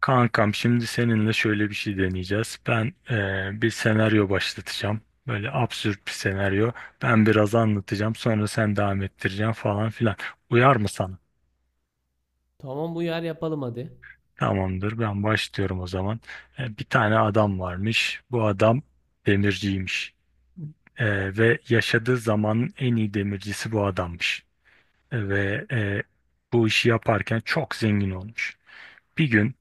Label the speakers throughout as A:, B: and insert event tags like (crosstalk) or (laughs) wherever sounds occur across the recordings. A: Kankam şimdi seninle şöyle bir şey deneyeceğiz. Ben bir senaryo başlatacağım. Böyle absürt bir senaryo. Ben biraz anlatacağım sonra sen devam ettireceksin falan filan. Uyar mı sana?
B: Tamam uyar, yapalım hadi.
A: Tamamdır ben başlıyorum o zaman. Bir tane adam varmış. Bu adam demirciymiş. Ve yaşadığı zamanın en iyi demircisi bu adammış. Ve bu işi yaparken çok zengin olmuş. Bir gün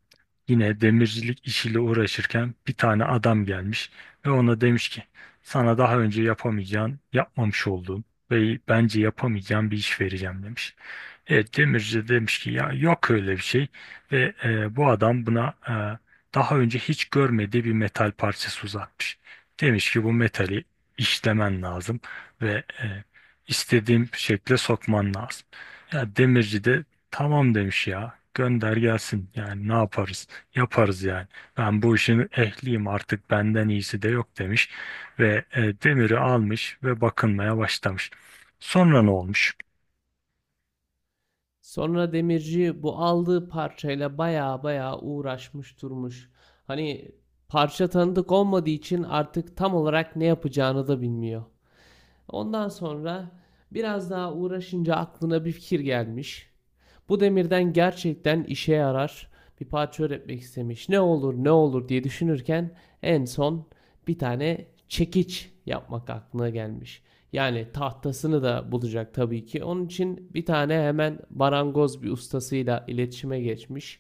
A: yine demircilik işiyle uğraşırken bir tane adam gelmiş ve ona demiş ki sana daha önce yapamayacağın, yapmamış olduğun ve bence yapamayacağın bir iş vereceğim demiş. Evet, demirci de demiş ki ya yok öyle bir şey ve bu adam buna daha önce hiç görmediği bir metal parçası uzatmış. Demiş ki bu metali işlemen lazım ve e, istediğim şekle sokman lazım. Ya demirci de tamam demiş ya gönder gelsin yani ne yaparız yaparız yani ben bu işin ehliyim artık benden iyisi de yok demiş ve demiri almış ve bakınmaya başlamış. Sonra ne olmuş?
B: Sonra demirci bu aldığı parçayla baya baya uğraşmış durmuş. Hani parça tanıdık olmadığı için artık tam olarak ne yapacağını da bilmiyor. Ondan sonra biraz daha uğraşınca aklına bir fikir gelmiş. Bu demirden gerçekten işe yarar bir parça üretmek istemiş. Ne olur ne olur diye düşünürken en son bir tane çekiç yapmak aklına gelmiş. Yani tahtasını da bulacak tabii ki. Onun için bir tane hemen barangoz bir ustasıyla iletişime geçmiş.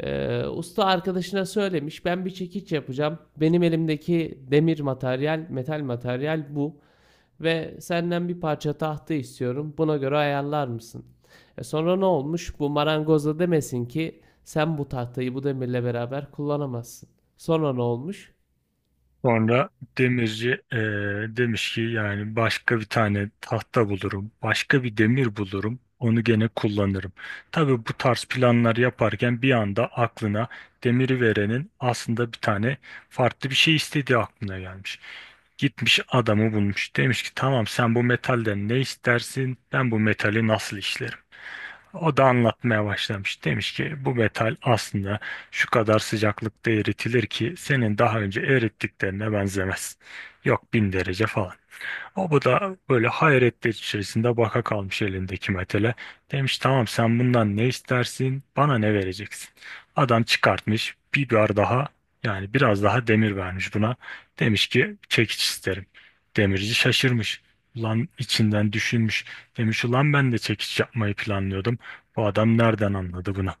B: Usta arkadaşına söylemiş ben bir çekiç yapacağım. Benim elimdeki demir materyal, metal materyal bu. Ve senden bir parça tahta istiyorum. Buna göre ayarlar mısın? E sonra ne olmuş? Bu marangoz da demesin ki sen bu tahtayı bu demirle beraber kullanamazsın. Sonra ne olmuş?
A: Sonra demirci demiş ki yani başka bir tane tahta bulurum, başka bir demir bulurum, onu gene kullanırım. Tabii bu tarz planlar yaparken bir anda aklına demiri verenin aslında bir tane farklı bir şey istediği aklına gelmiş. Gitmiş adamı bulmuş. Demiş ki tamam sen bu metalden ne istersin? Ben bu metali nasıl işlerim? O da anlatmaya başlamış. Demiş ki bu metal aslında şu kadar sıcaklıkta eritilir ki senin daha önce erittiklerine benzemez. Yok bin derece falan. O da böyle hayretler içerisinde baka kalmış elindeki metale. Demiş tamam sen bundan ne istersin bana ne vereceksin. Adam çıkartmış bir biber daha yani biraz daha demir vermiş buna. Demiş ki çekiç isterim. Demirci şaşırmış. Ulan içinden düşünmüş. Demiş ulan ben de çekiç yapmayı planlıyordum. Bu adam nereden anladı bunu?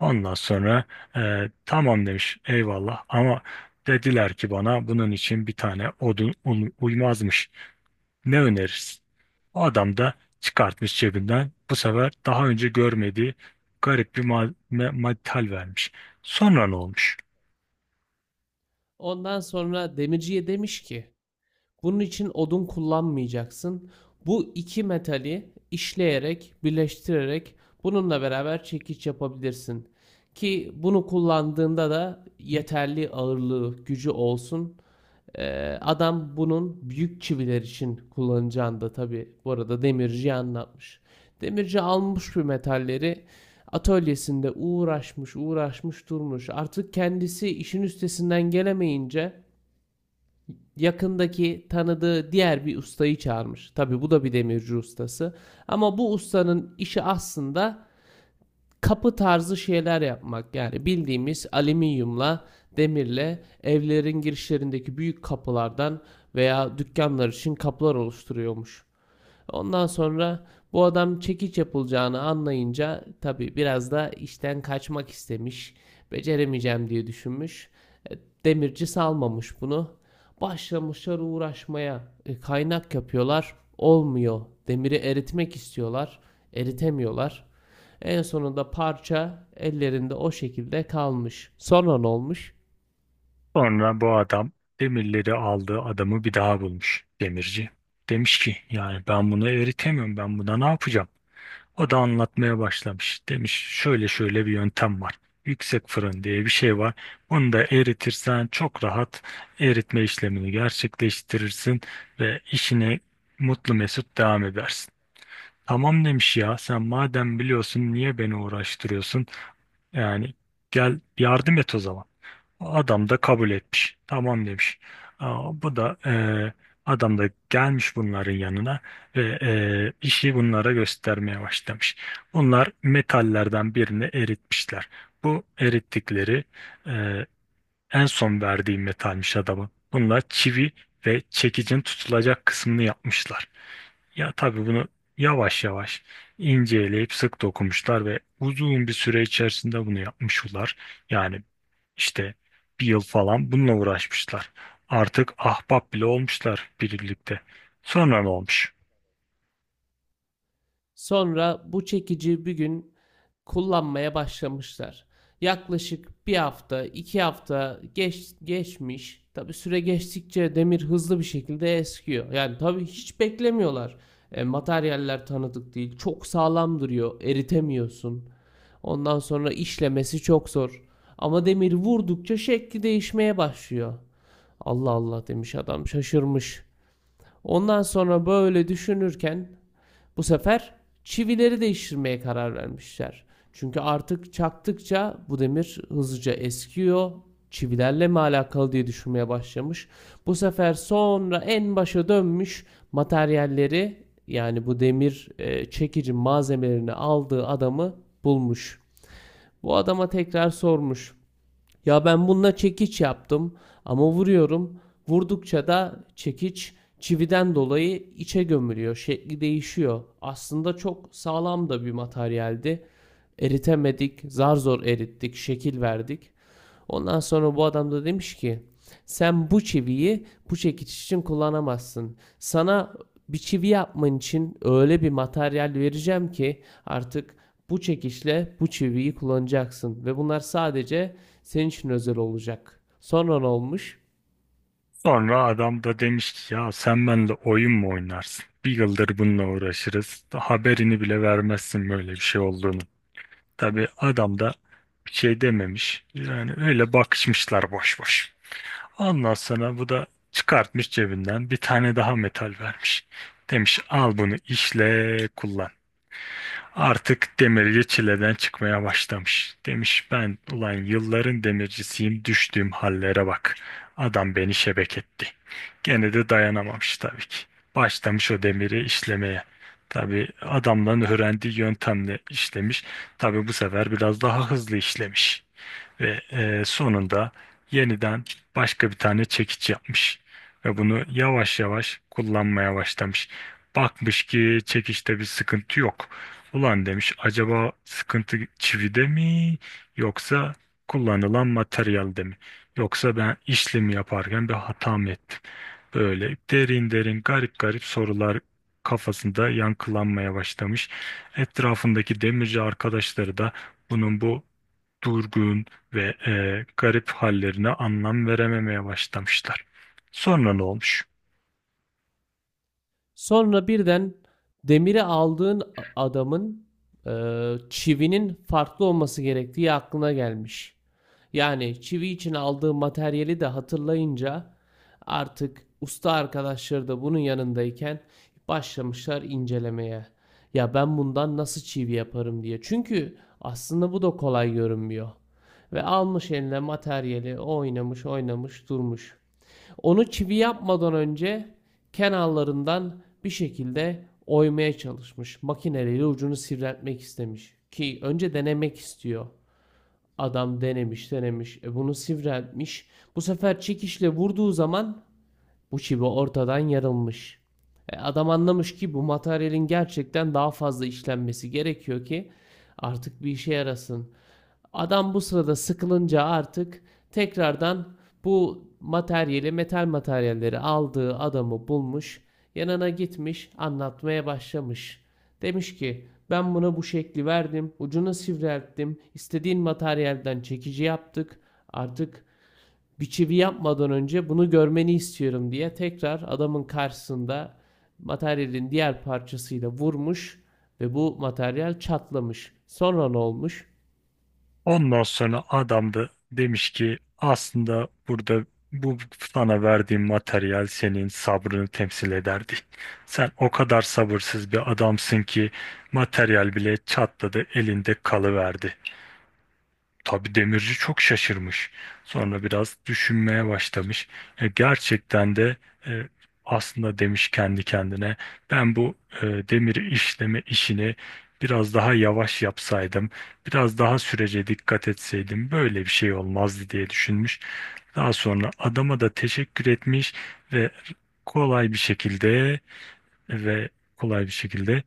A: Ondan sonra "E, tamam demiş eyvallah ama dediler ki bana bunun için bir tane uymazmış. Ne önerirsin? O adam da çıkartmış cebinden bu sefer daha önce görmediği garip bir metal vermiş. Sonra ne olmuş?
B: Ondan sonra demirciye demiş ki bunun için odun kullanmayacaksın. Bu iki metali işleyerek, birleştirerek bununla beraber çekiç yapabilirsin. Ki bunu kullandığında da yeterli ağırlığı, gücü olsun. Adam bunun büyük çiviler için kullanacağını da tabii bu arada demirciye anlatmış. Demirci almış bu metalleri atölyesinde uğraşmış uğraşmış durmuş. Artık kendisi işin üstesinden gelemeyince yakındaki tanıdığı diğer bir ustayı çağırmış. Tabi bu da bir demirci ustası. Ama bu ustanın işi aslında kapı tarzı şeyler yapmak. Yani bildiğimiz alüminyumla, demirle evlerin girişlerindeki büyük kapılardan veya dükkanlar için kapılar oluşturuyormuş. Ondan sonra bu adam çekiç yapılacağını anlayınca tabii biraz da işten kaçmak istemiş. Beceremeyeceğim diye düşünmüş. E, Demirci salmamış bunu. Başlamışlar uğraşmaya. Kaynak yapıyorlar. Olmuyor. Demiri eritmek istiyorlar. Eritemiyorlar. En sonunda parça ellerinde o şekilde kalmış. Sonra ne olmuş?
A: Sonra bu adam demirleri aldığı adamı bir daha bulmuş demirci. Demiş ki yani ben bunu eritemiyorum ben buna ne yapacağım? O da anlatmaya başlamış. Demiş şöyle şöyle bir yöntem var. Yüksek fırın diye bir şey var. Bunu da eritirsen çok rahat eritme işlemini gerçekleştirirsin ve işine mutlu mesut devam edersin. Tamam demiş ya sen madem biliyorsun niye beni uğraştırıyorsun? Yani gel yardım et o zaman. Adam da kabul etmiş. Tamam demiş. Bu da adam da gelmiş bunların yanına ve işi bunlara göstermeye başlamış. Bunlar metallerden birini eritmişler. Bu erittikleri e, en son verdiği metalmiş adamın. Bunlar çivi ve çekicin tutulacak kısmını yapmışlar. Ya tabii bunu yavaş yavaş inceleyip sık dokunmuşlar ve uzun bir süre içerisinde bunu yapmışlar. Yani işte bir yıl falan bununla uğraşmışlar. Artık ahbap bile olmuşlar birlikte. Sonra ne olmuş?
B: Sonra bu çekici bir gün kullanmaya başlamışlar. Yaklaşık bir hafta, iki hafta geçmiş. Tabi süre geçtikçe demir hızlı bir şekilde eskiyor. Yani tabi hiç beklemiyorlar. Materyaller tanıdık değil. Çok sağlam duruyor. Eritemiyorsun. Ondan sonra işlemesi çok zor. Ama demir vurdukça şekli değişmeye başlıyor. Allah Allah demiş, adam şaşırmış. Ondan sonra böyle düşünürken bu sefer çivileri değiştirmeye karar vermişler. Çünkü artık çaktıkça bu demir hızlıca eskiyor. Çivilerle mi alakalı diye düşünmeye başlamış. Bu sefer sonra en başa dönmüş, materyalleri yani bu demir çekici malzemelerini aldığı adamı bulmuş. Bu adama tekrar sormuş. Ya ben bununla çekiç yaptım ama vuruyorum. Vurdukça da çekiç çividen dolayı içe gömülüyor. Şekli değişiyor. Aslında çok sağlam da bir materyaldi. Eritemedik, zar zor erittik, şekil verdik. Ondan sonra bu adam da demiş ki sen bu çiviyi bu çekiç için kullanamazsın. Sana bir çivi yapman için öyle bir materyal vereceğim ki artık bu çekiçle bu çiviyi kullanacaksın ve bunlar sadece senin için özel olacak. Sonra ne olmuş?
A: Sonra adam da demiş ki ya sen benimle oyun mu oynarsın? Bir yıldır bununla uğraşırız. Haberini bile vermezsin böyle bir şey olduğunu. Tabii adam da bir şey dememiş. Yani öyle bakışmışlar boş boş. Ondan sonra bu da çıkartmış cebinden bir tane daha metal vermiş. Demiş al bunu işle kullan. Artık demirci çileden çıkmaya başlamış. Demiş ben ulan yılların demircisiyim düştüğüm hallere bak. Adam beni şebek etti. Gene de dayanamamış tabii ki. Başlamış o demiri işlemeye. Tabii adamların öğrendiği yöntemle işlemiş. Tabii bu sefer biraz daha hızlı işlemiş ve sonunda yeniden başka bir tane çekiç yapmış ve bunu yavaş yavaş kullanmaya başlamış. Bakmış ki çekiçte bir sıkıntı yok. Ulan demiş acaba sıkıntı çivide mi yoksa kullanılan materyalde mi? Yoksa ben işlemi yaparken bir hata mı ettim? Böyle derin derin garip garip sorular kafasında yankılanmaya başlamış. Etrafındaki demirci arkadaşları da bunun bu durgun ve garip hallerine anlam verememeye başlamışlar. Sonra ne olmuş?
B: Sonra birden demiri aldığın adamın e, çivinin farklı olması gerektiği aklına gelmiş. Yani çivi için aldığım materyali de hatırlayınca artık usta arkadaşları da bunun yanındayken başlamışlar incelemeye. Ya ben bundan nasıl çivi yaparım diye. Çünkü aslında bu da kolay görünmüyor. Ve almış eline materyali oynamış oynamış durmuş. Onu çivi yapmadan önce kenarlarından bir şekilde oymaya çalışmış. Makineleriyle ucunu sivriltmek istemiş. Ki önce denemek istiyor. Adam denemiş denemiş. E bunu sivriltmiş. Bu sefer çekişle vurduğu zaman bu çivi ortadan yarılmış. E adam anlamış ki bu materyalin gerçekten daha fazla işlenmesi gerekiyor ki artık bir işe yarasın. Adam bu sırada sıkılınca artık tekrardan bu materyali, metal materyalleri aldığı adamı bulmuş. Yanına gitmiş, anlatmaya başlamış. Demiş ki ben buna bu şekli verdim, ucunu sivrilttim, istediğin materyalden çekici yaptık. Artık bir çivi yapmadan önce bunu görmeni istiyorum diye tekrar adamın karşısında materyalin diğer parçasıyla vurmuş ve bu materyal çatlamış. Sonra ne olmuş?
A: Ondan sonra adam da demiş ki aslında burada bu sana verdiğim materyal senin sabrını temsil ederdi. Sen o kadar sabırsız bir adamsın ki materyal bile çatladı elinde kalıverdi. Tabii demirci çok şaşırmış. Sonra biraz düşünmeye başlamış. Gerçekten de e, aslında demiş kendi kendine ben bu demir işleme işini biraz daha yavaş yapsaydım, biraz daha sürece dikkat etseydim böyle bir şey olmazdı diye düşünmüş. Daha sonra adama da teşekkür etmiş ve kolay bir şekilde ve kolay bir şekilde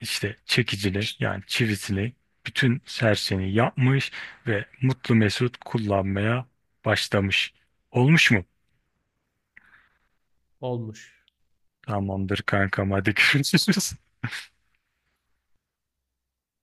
A: işte çekicili yani çivisini bütün serseni yapmış ve mutlu mesut kullanmaya başlamış. Olmuş mu?
B: Olmuş.
A: Tamamdır kankam hadi görüşürüz. (laughs)